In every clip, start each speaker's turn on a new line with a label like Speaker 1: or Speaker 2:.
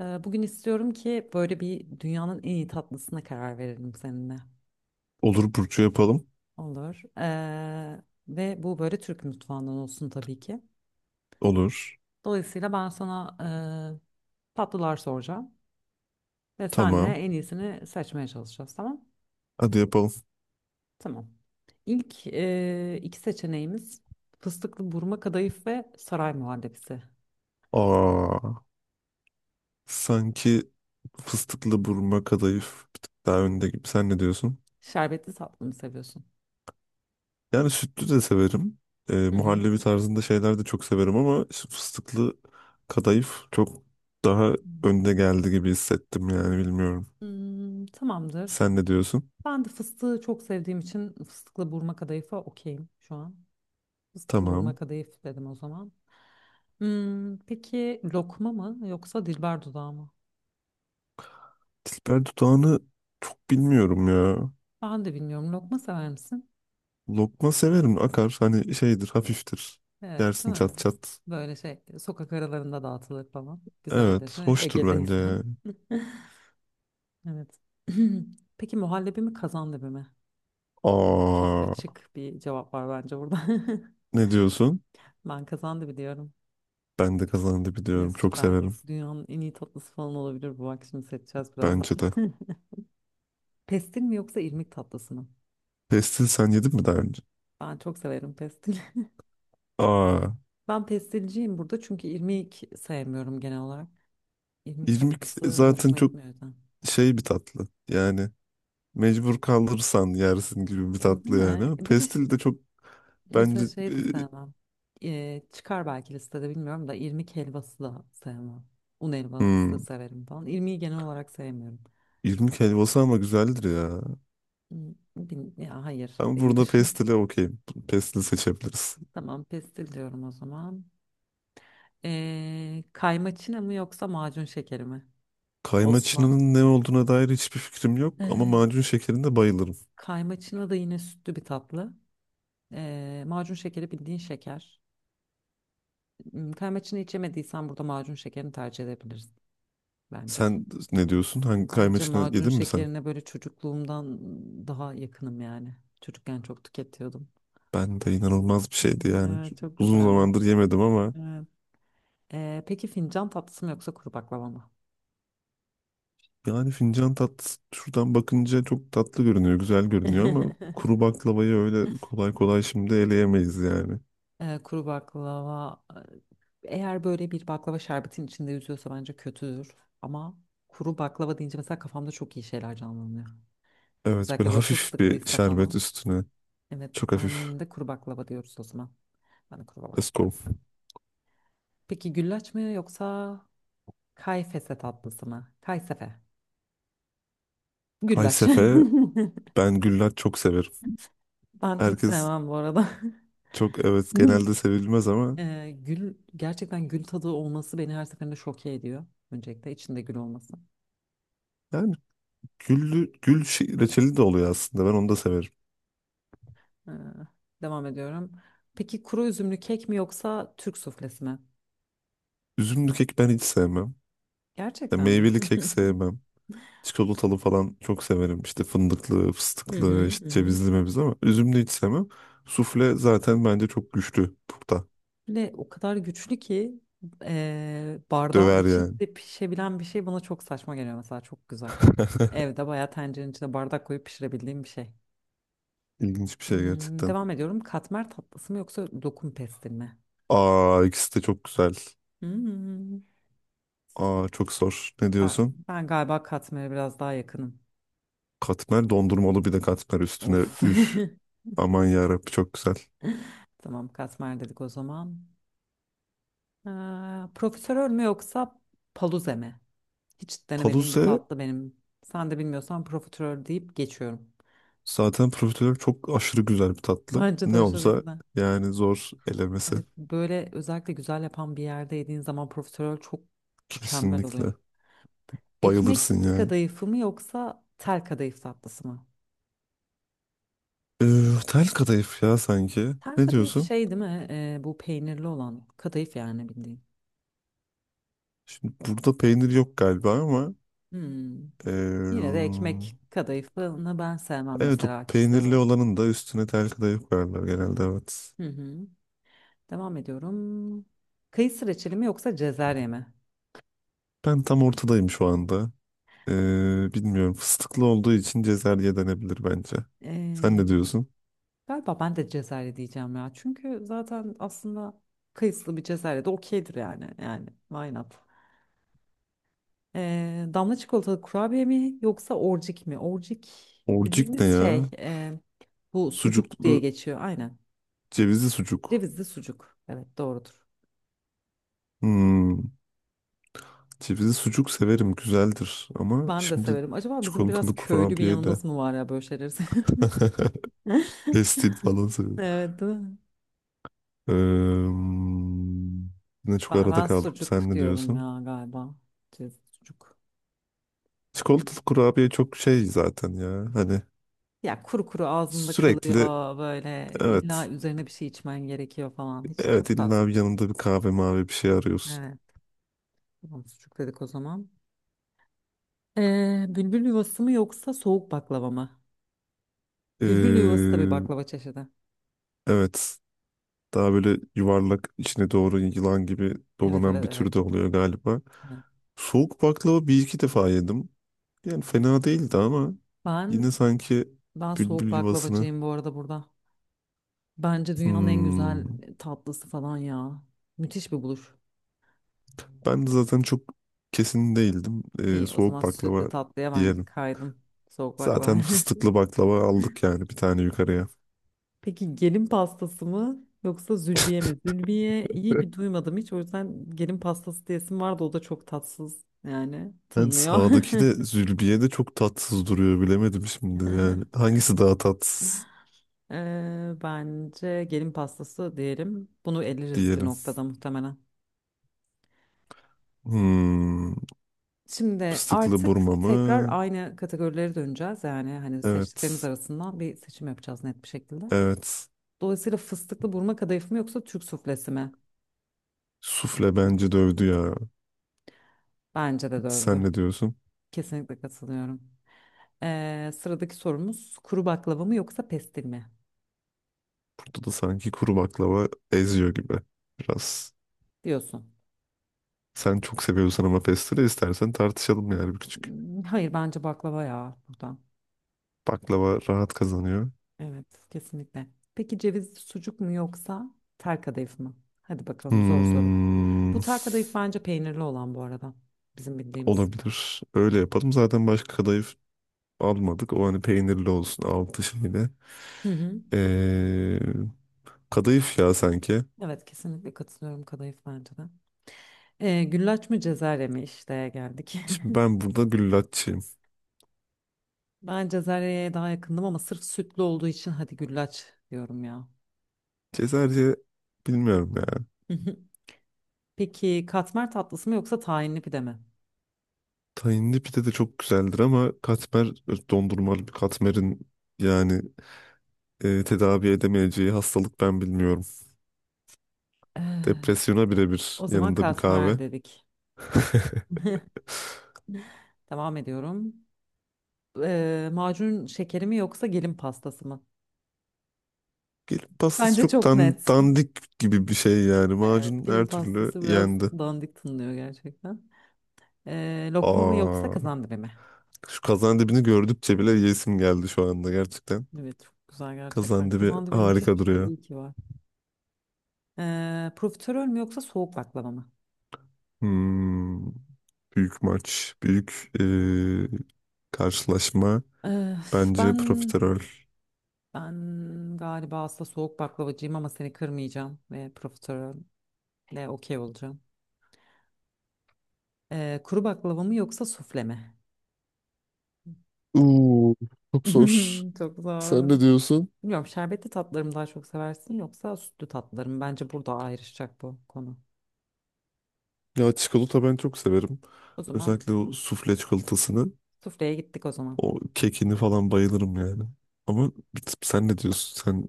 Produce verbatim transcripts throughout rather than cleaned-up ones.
Speaker 1: Ee, Bugün istiyorum ki böyle bir dünyanın en iyi tatlısına karar verelim seninle.
Speaker 2: Olur Burcu yapalım.
Speaker 1: Olur. Ee, ve bu böyle Türk mutfağından olsun tabii ki.
Speaker 2: Olur.
Speaker 1: Dolayısıyla ben sana e, tatlılar soracağım. Ve senle
Speaker 2: Tamam.
Speaker 1: en iyisini seçmeye çalışacağız, tamam?
Speaker 2: Hadi yapalım.
Speaker 1: Tamam. İlk e, iki seçeneğimiz fıstıklı burma kadayıf ve saray muhallebisi.
Speaker 2: Aa, Sanki fıstıklı burma kadayıf bir tık daha önde gibi. Sen ne diyorsun?
Speaker 1: Şerbetli tatlı mı seviyorsun?
Speaker 2: Yani sütlü de severim. Ee,
Speaker 1: Hı hı.
Speaker 2: muhallebi tarzında şeyler de çok severim ama şu fıstıklı kadayıf çok daha önde geldi gibi hissettim yani bilmiyorum.
Speaker 1: Hmm, tamamdır.
Speaker 2: Sen ne diyorsun?
Speaker 1: Ben de fıstığı çok sevdiğim için fıstıklı burma kadayıfa okeyim şu an. Fıstıklı burma
Speaker 2: Tamam.
Speaker 1: kadayıf dedim o zaman. Hmm, peki lokma mı yoksa dilber dudağı mı?
Speaker 2: Dilber dudağını çok bilmiyorum ya.
Speaker 1: Ben de bilmiyorum. Lokma sever misin?
Speaker 2: Lokma severim, akar hani, şeydir, hafiftir.
Speaker 1: Evet,
Speaker 2: Yersin
Speaker 1: değil mi?
Speaker 2: çat çat.
Speaker 1: Böyle şey sokak aralarında dağıtılır falan. Güzeldir.
Speaker 2: Evet,
Speaker 1: Ne?
Speaker 2: hoştur bence.
Speaker 1: Ege'deysen. Evet. Peki muhallebi mi kazandibi mi? Çok
Speaker 2: Aa,
Speaker 1: açık bir cevap var bence burada.
Speaker 2: Ne diyorsun?
Speaker 1: Ben kazandibi diyorum.
Speaker 2: Ben de kazandı
Speaker 1: Ne
Speaker 2: biliyorum. Çok
Speaker 1: süper.
Speaker 2: severim.
Speaker 1: Dünyanın en iyi tatlısı falan olabilir bu. Bak şimdi seçeceğiz birazdan.
Speaker 2: Bence de.
Speaker 1: Pestil mi yoksa irmik tatlısı mı?
Speaker 2: Pestil sen yedin mi daha önce?
Speaker 1: Ben çok severim pestil.
Speaker 2: Aa,
Speaker 1: Ben pestilciyim burada çünkü irmik sevmiyorum genel olarak. İrmik
Speaker 2: irmik
Speaker 1: tatlısı
Speaker 2: zaten
Speaker 1: hoşuma
Speaker 2: çok
Speaker 1: gitmiyor zaten.
Speaker 2: şey bir tatlı. Yani mecbur kalırsan yersin gibi bir
Speaker 1: Değil
Speaker 2: tatlı yani.
Speaker 1: mi?
Speaker 2: Ama
Speaker 1: Bir de ş-
Speaker 2: pestil de çok
Speaker 1: mesela
Speaker 2: bence e,
Speaker 1: şey de sevmem. Ee, çıkar belki listede bilmiyorum da irmik helvası da sevmem. Un helvası
Speaker 2: hmm,
Speaker 1: severim falan. İrmiği genel olarak sevmiyorum.
Speaker 2: irmik helvası ama güzeldir ya.
Speaker 1: Hmm, bil- ya hayır
Speaker 2: Ben burada
Speaker 1: değildir.
Speaker 2: pestile okeyim. Pestil seçebiliriz.
Speaker 1: Tamam pestil diyorum o zaman. Ee, kaymaçına mı yoksa macun şekeri mi? Osman.
Speaker 2: Kaymaçının ne olduğuna dair hiçbir fikrim yok ama
Speaker 1: Ee,
Speaker 2: macun şekerinde bayılırım.
Speaker 1: Kaymaçına da yine sütlü bir tatlı. Ee, macun şekeri bildiğin şeker. Hmm, kaymaçını içemediysen burada macun şekerini tercih edebilirsin bence.
Speaker 2: Sen ne diyorsun? Hangi kay
Speaker 1: Bence macun
Speaker 2: yedin mi sen?
Speaker 1: şekerine böyle çocukluğumdan daha yakınım yani. Çocukken çok tüketiyordum.
Speaker 2: Ben de, inanılmaz bir şeydi
Speaker 1: Hmm,
Speaker 2: yani.
Speaker 1: evet çok
Speaker 2: Uzun
Speaker 1: güzeldi.
Speaker 2: zamandır yemedim ama
Speaker 1: Evet. Ee, peki fincan tatlısı mı yoksa kuru baklava mı?
Speaker 2: yani fincan tat şuradan bakınca çok tatlı görünüyor, güzel görünüyor ama kuru baklavayı öyle kolay kolay şimdi eleyemeyiz yani.
Speaker 1: Ee, kuru baklava, e, eğer böyle bir baklava şerbetin içinde yüzüyorsa bence kötüdür. Ama kuru baklava deyince mesela kafamda çok iyi şeyler canlanıyor.
Speaker 2: Evet, böyle
Speaker 1: Özellikle böyle
Speaker 2: hafif bir
Speaker 1: fıstıklıysa
Speaker 2: şerbet
Speaker 1: falan.
Speaker 2: üstüne.
Speaker 1: Evet,
Speaker 2: Çok hafif.
Speaker 1: ben de kuru baklava diyoruz o zaman. Ben de kuru
Speaker 2: Let's
Speaker 1: baklava
Speaker 2: go.
Speaker 1: dedim. Peki güllaç mı yoksa kayfese tatlısı mı? Kaysefe. Güllaç.
Speaker 2: Kaysefe, ben güller çok severim.
Speaker 1: Ben hiç
Speaker 2: Herkes
Speaker 1: sevmem bu arada.
Speaker 2: çok, evet, genelde sevilmez ama
Speaker 1: Ee, gül gerçekten, gül tadı olması beni her seferinde şoke ediyor. Öncelikle içinde gül olması.
Speaker 2: yani güllü, gül şey- reçeli de oluyor aslında. Ben onu da severim.
Speaker 1: Ee, Devam ediyorum. Peki kuru üzümlü kek mi yoksa Türk suflesi mi?
Speaker 2: Üzümlü kek ben hiç sevmem. Ya
Speaker 1: Gerçekten mi?
Speaker 2: meyveli kek sevmem. Çikolatalı falan çok severim. İşte fındıklı,
Speaker 1: Hı hı
Speaker 2: fıstıklı, işte
Speaker 1: hı. Hı.
Speaker 2: cevizli mevzu ama üzümlü hiç sevmem. Sufle zaten bence çok güçlü burada.
Speaker 1: Ve o kadar güçlü ki eee bardağın
Speaker 2: Döver yani.
Speaker 1: içinde pişebilen bir şey bana çok saçma geliyor mesela, çok güzel. Evde bayağı tencerenin içine bardak koyup pişirebildiğim bir şey.
Speaker 2: İlginç bir şey
Speaker 1: Hmm,
Speaker 2: gerçekten.
Speaker 1: devam ediyorum. Katmer tatlısı mı yoksa lokum pestil mi?
Speaker 2: Aa, ikisi de çok güzel.
Speaker 1: Hmm,
Speaker 2: Aa, çok zor. Ne
Speaker 1: Ben,
Speaker 2: diyorsun?
Speaker 1: ben galiba katmere biraz daha yakınım.
Speaker 2: Katmer, dondurmalı bir de katmer üstüne.
Speaker 1: Of.
Speaker 2: Üf. Aman yarabbi, çok güzel.
Speaker 1: Tamam katmer dedik o zaman. Ee, profiterol mü yoksa paluze mi? Hiç denemediğim bir
Speaker 2: Paluze
Speaker 1: tatlı benim. Sen de bilmiyorsan profiterol deyip geçiyorum.
Speaker 2: zaten profiterol çok aşırı güzel bir tatlı.
Speaker 1: Bence de
Speaker 2: Ne
Speaker 1: aşırı
Speaker 2: olsa
Speaker 1: güzel.
Speaker 2: yani, zor elemesi.
Speaker 1: Evet, böyle özellikle güzel yapan bir yerde yediğin zaman profiterol çok mükemmel oluyor.
Speaker 2: Kesinlikle.
Speaker 1: Ekmek
Speaker 2: Bayılırsın yani.
Speaker 1: kadayıfı mı yoksa tel kadayıf tatlısı mı?
Speaker 2: Ee, Tel kadayıf ya sanki.
Speaker 1: Tel
Speaker 2: Ne
Speaker 1: kadayıf
Speaker 2: diyorsun?
Speaker 1: şey değil mi? Ee, bu peynirli olan kadayıf yani bildiğin.
Speaker 2: Şimdi burada peynir yok galiba ama
Speaker 1: Hmm. Yine de
Speaker 2: ee,
Speaker 1: ekmek kadayıfını ben sevmem
Speaker 2: evet, o
Speaker 1: mesela kişisel
Speaker 2: peynirli
Speaker 1: olarak.
Speaker 2: olanın da üstüne tel kadayıf koyarlar genelde, evet.
Speaker 1: Hı hı. Devam ediyorum. Kayısı reçeli mi yoksa cezerye mi?
Speaker 2: Ben tam ortadayım şu anda. Ee, bilmiyorum, fıstıklı olduğu için cezerye denebilir bence. Sen
Speaker 1: Ee,
Speaker 2: ne diyorsun?
Speaker 1: Galiba ben de cezerye diyeceğim ya. Çünkü zaten aslında kayısılı bir cezerye de okeydir yani. Yani why not? Ee, damla çikolatalı kurabiye mi yoksa orcik mi? Orcik
Speaker 2: Orcik ne
Speaker 1: dediğimiz şey,
Speaker 2: ya?
Speaker 1: e, bu sucuk diye
Speaker 2: Sucuklu,
Speaker 1: geçiyor. Aynen.
Speaker 2: cevizli sucuk.
Speaker 1: Cevizli sucuk. Evet doğrudur.
Speaker 2: Hmm, cevizli sucuk severim, güzeldir ama
Speaker 1: Ben de
Speaker 2: şimdi
Speaker 1: severim. Acaba bizim biraz
Speaker 2: çikolatalı
Speaker 1: köylü bir
Speaker 2: kurabiye de
Speaker 1: yanımız mı var ya böyle şeyleri seviyoruz?
Speaker 2: pestil falan…
Speaker 1: Evet. Değil mi?
Speaker 2: Eee, Yine çok
Speaker 1: Ben,
Speaker 2: arada
Speaker 1: ben
Speaker 2: kaldım.
Speaker 1: sucuk
Speaker 2: Sen ne
Speaker 1: diyorum
Speaker 2: diyorsun?
Speaker 1: ya galiba. Cez- Sucuk.
Speaker 2: Çikolatalı kurabiye çok şey zaten ya. Hani
Speaker 1: Ya kuru kuru ağzında
Speaker 2: sürekli,
Speaker 1: kalıyor, böyle illa
Speaker 2: evet.
Speaker 1: üzerine bir şey içmen gerekiyor falan. Hiç,
Speaker 2: Evet,
Speaker 1: çok fazla.
Speaker 2: illa bir yanında bir kahve mavi bir şey arıyorsun.
Speaker 1: Evet. Tamam sucuk dedik o zaman. Ee, bülbül yuvası mı yoksa soğuk baklava mı? Bülbül yuvası da bir
Speaker 2: Eee,
Speaker 1: baklava çeşidi.
Speaker 2: evet. Daha böyle yuvarlak, içine doğru yılan gibi
Speaker 1: Evet
Speaker 2: dolanan
Speaker 1: evet
Speaker 2: bir
Speaker 1: evet.
Speaker 2: tür de oluyor galiba.
Speaker 1: Evet.
Speaker 2: Soğuk baklava bir iki defa yedim. Yani fena değildi ama yine
Speaker 1: Ben
Speaker 2: sanki
Speaker 1: ben soğuk
Speaker 2: bülbül yuvasını.
Speaker 1: baklavacıyım bu arada burada. Bence dünyanın en
Speaker 2: Hmm.
Speaker 1: güzel tatlısı falan ya. Müthiş bir buluş.
Speaker 2: Ben de zaten çok kesin değildim. Ee,
Speaker 1: İyi, o zaman
Speaker 2: soğuk
Speaker 1: sütlü
Speaker 2: baklava
Speaker 1: tatlıya ben
Speaker 2: diyelim.
Speaker 1: kaydım. Soğuk baklava.
Speaker 2: Zaten fıstıklı baklava aldık yani bir tane yukarıya.
Speaker 1: Peki gelin pastası mı yoksa zülbiye mi? Zülbiye iyi bir duymadım hiç. O yüzden gelin pastası diyesim vardı. O da çok tatsız yani
Speaker 2: Ben
Speaker 1: tınlıyor.
Speaker 2: sağdaki de, Zülbiye de çok tatsız duruyor, bilemedim şimdi yani. Hangisi daha tatsız
Speaker 1: Ee, bence gelin pastası diyelim. Bunu eleriz bir
Speaker 2: diyelim.
Speaker 1: noktada muhtemelen.
Speaker 2: Hmm,
Speaker 1: Şimdi
Speaker 2: fıstıklı
Speaker 1: artık
Speaker 2: burma
Speaker 1: tekrar
Speaker 2: mı?
Speaker 1: aynı kategorilere döneceğiz. Yani hani seçtiklerimiz
Speaker 2: Evet.
Speaker 1: arasından bir seçim yapacağız net bir şekilde.
Speaker 2: Evet.
Speaker 1: Dolayısıyla fıstıklı burma kadayıf mı yoksa Türk suflesi mi?
Speaker 2: Sufle bence dövdü ya.
Speaker 1: Bence de dövdü.
Speaker 2: Sen ne diyorsun?
Speaker 1: Kesinlikle katılıyorum. Ee, sıradaki sorumuz kuru baklava mı yoksa pestil mi
Speaker 2: Burada da sanki kuru baklava eziyor gibi biraz.
Speaker 1: diyorsun.
Speaker 2: Sen çok seviyorsan ama pestire, istersen tartışalım yani bir küçük.
Speaker 1: Hmm, hayır bence baklava ya buradan.
Speaker 2: Baklava rahat kazanıyor.
Speaker 1: Evet kesinlikle. Peki cevizli sucuk mu yoksa tel kadayıf mı? Hadi bakalım, zor soru. Bu
Speaker 2: Hmm,
Speaker 1: tel kadayıf bence peynirli olan bu arada, bizim bildiğimiz.
Speaker 2: olabilir. Öyle yapalım. Zaten başka kadayıf almadık. O hani peynirli olsun altı şeyle.
Speaker 1: Hı hı.
Speaker 2: Ee, Kadayıf ya sanki.
Speaker 1: Evet kesinlikle katılıyorum, kadayıf bence de. Ee, güllaç mı cezerye mi, işte geldik.
Speaker 2: Şimdi ben burada güllaççıyım.
Speaker 1: Ben cezeryeye daha yakındım ama sırf sütlü olduğu için hadi güllaç diyorum ya.
Speaker 2: Cezerce bilmiyorum ya.
Speaker 1: Peki katmer tatlısı mı yoksa tahinli pide mi?
Speaker 2: Tahinli pide de çok güzeldir ama katmer, dondurmalı bir katmerin yani e, tedavi edemeyeceği hastalık ben bilmiyorum.
Speaker 1: Eh,
Speaker 2: Depresyona birebir,
Speaker 1: O zaman
Speaker 2: yanında bir
Speaker 1: katmer
Speaker 2: kahve.
Speaker 1: dedik. Devam ediyorum. Eh, macun şekeri mi yoksa gelin pastası mı?
Speaker 2: Gelip pastası
Speaker 1: Bence
Speaker 2: çok
Speaker 1: çok
Speaker 2: dan-
Speaker 1: net.
Speaker 2: dandik gibi bir şey yani.
Speaker 1: Evet,
Speaker 2: Macun
Speaker 1: gelin
Speaker 2: her türlü
Speaker 1: pastası biraz
Speaker 2: yendi.
Speaker 1: dandik tınlıyor gerçekten. Eh, lokma mı yoksa
Speaker 2: Aa,
Speaker 1: kazandibi mi?
Speaker 2: Şu kazan dibini gördükçe bile yesim geldi şu anda gerçekten.
Speaker 1: Evet, çok güzel gerçekten.
Speaker 2: Kazan dibi
Speaker 1: Kazandibi müthiş
Speaker 2: harika
Speaker 1: bir şey,
Speaker 2: duruyor.
Speaker 1: iyi ki var. Eh, profiterol mü yoksa soğuk baklava mı?
Speaker 2: Hmm, büyük maç, büyük eee, karşılaşma.
Speaker 1: Eh,
Speaker 2: Bence
Speaker 1: ben
Speaker 2: profiterol.
Speaker 1: ben galiba aslında soğuk baklavacıyım ama seni kırmayacağım ve profiterol. Ne okey olacağım. Ee, kuru baklava mı yoksa sufle mi?
Speaker 2: Oo, çok zor.
Speaker 1: Çok
Speaker 2: Sen
Speaker 1: zor.
Speaker 2: ne diyorsun?
Speaker 1: Bilmiyorum, şerbetli tatlarımı daha çok seversin yoksa sütlü tatlarım. Bence burada ayrışacak bu konu.
Speaker 2: Ya çikolata ben çok severim.
Speaker 1: O zaman
Speaker 2: Özellikle o sufle çikolatasını,
Speaker 1: sufleye gittik o zaman.
Speaker 2: o kekini falan bayılırım yani. Ama bir tık- sen ne diyorsun? Sen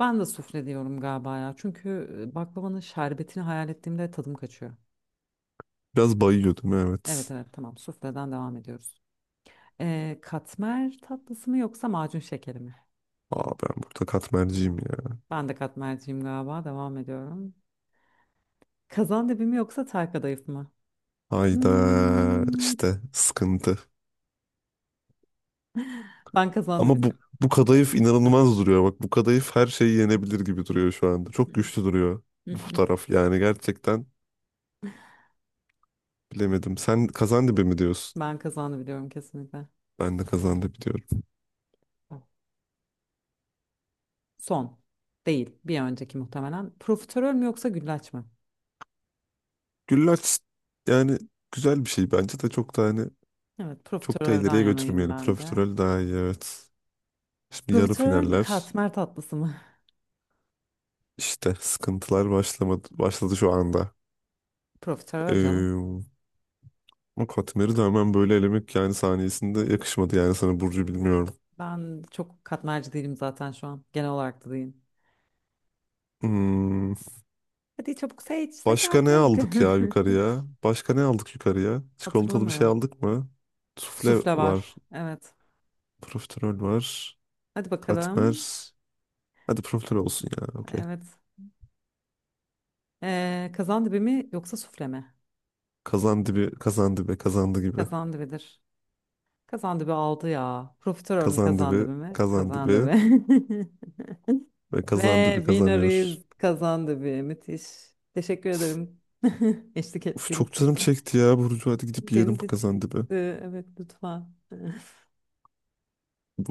Speaker 1: Ben de sufle diyorum galiba ya. Çünkü e, baklavanın şerbetini hayal ettiğimde tadım kaçıyor.
Speaker 2: biraz bayıyordun,
Speaker 1: Evet
Speaker 2: evet.
Speaker 1: evet, tamam sufleden devam ediyoruz. Ee, katmer tatlısı mı yoksa macun şekeri mi?
Speaker 2: Aa, ben burada katmerciyim ya.
Speaker 1: Ben de katmerciyim galiba, devam ediyorum. Kazandibi mi yoksa tel kadayıf mı?
Speaker 2: Hayda,
Speaker 1: Hmm,
Speaker 2: işte sıkıntı.
Speaker 1: ben kazandı
Speaker 2: Ama bu
Speaker 1: biliyorum.
Speaker 2: bu
Speaker 1: Evet,
Speaker 2: kadayıf
Speaker 1: şekilde.
Speaker 2: inanılmaz duruyor. Bak, bu kadayıf her şeyi yenebilir gibi duruyor şu anda. Çok güçlü duruyor bu taraf. Yani gerçekten bilemedim. Sen kazandibi mi diyorsun?
Speaker 1: Ben kazandı biliyorum kesinlikle.
Speaker 2: Ben de kazandibi diyorum.
Speaker 1: Son. Değil. Bir önceki muhtemelen. Profiterol mü yoksa güllaç mı?
Speaker 2: Güllaç yani güzel bir şey bence de, çok tane.
Speaker 1: Evet,
Speaker 2: Çok da
Speaker 1: profiterolden
Speaker 2: ileriye
Speaker 1: yanayım
Speaker 2: götürmeyelim.
Speaker 1: ben de.
Speaker 2: Profiterol daha iyi, evet. Şimdi yarı
Speaker 1: Profiterol mü
Speaker 2: finaller,
Speaker 1: katmer tatlısı mı?
Speaker 2: işte sıkıntılar başlamadı, başladı şu anda.
Speaker 1: Profiterol canım.
Speaker 2: Ee, O katmeri de hemen böyle elemek yani saniyesinde yakışmadı yani sana Burcu, bilmiyorum.
Speaker 1: Ben çok katmerci değilim zaten şu an. Genel olarak da değilim.
Speaker 2: Hmm,
Speaker 1: Hadi çabuk seç, seç
Speaker 2: başka ne
Speaker 1: artık.
Speaker 2: aldık ya yukarıya? Başka ne aldık yukarıya? Çikolatalı bir şey
Speaker 1: Hatırlamıyorum.
Speaker 2: aldık mı? Sufle
Speaker 1: Sufle var.
Speaker 2: var.
Speaker 1: Evet.
Speaker 2: Profiterol var.
Speaker 1: Hadi
Speaker 2: Katmer.
Speaker 1: bakalım.
Speaker 2: Hadi profiterol olsun ya. Okey.
Speaker 1: Evet. Ee, kazandibi mi yoksa sufle mi?
Speaker 2: Kazandibi, kazandibi, kazandı gibi.
Speaker 1: Kazandibidir. Kazandı bir aldı ya. Profiterol mü
Speaker 2: Kazandibi,
Speaker 1: kazandı bir mi?
Speaker 2: kazandibi.
Speaker 1: Kazandı bir.
Speaker 2: Ve
Speaker 1: Ve
Speaker 2: kazandibi
Speaker 1: winner
Speaker 2: kazanıyor.
Speaker 1: kazandı bir. Müthiş. Teşekkür ederim. Eşlik
Speaker 2: Uf,
Speaker 1: ettiğin
Speaker 2: çok
Speaker 1: için.
Speaker 2: canım çekti ya Burcu. Hadi gidip
Speaker 1: Benim
Speaker 2: yiyelim bu
Speaker 1: de
Speaker 2: kazandibi.
Speaker 1: çıktı. Evet lütfen.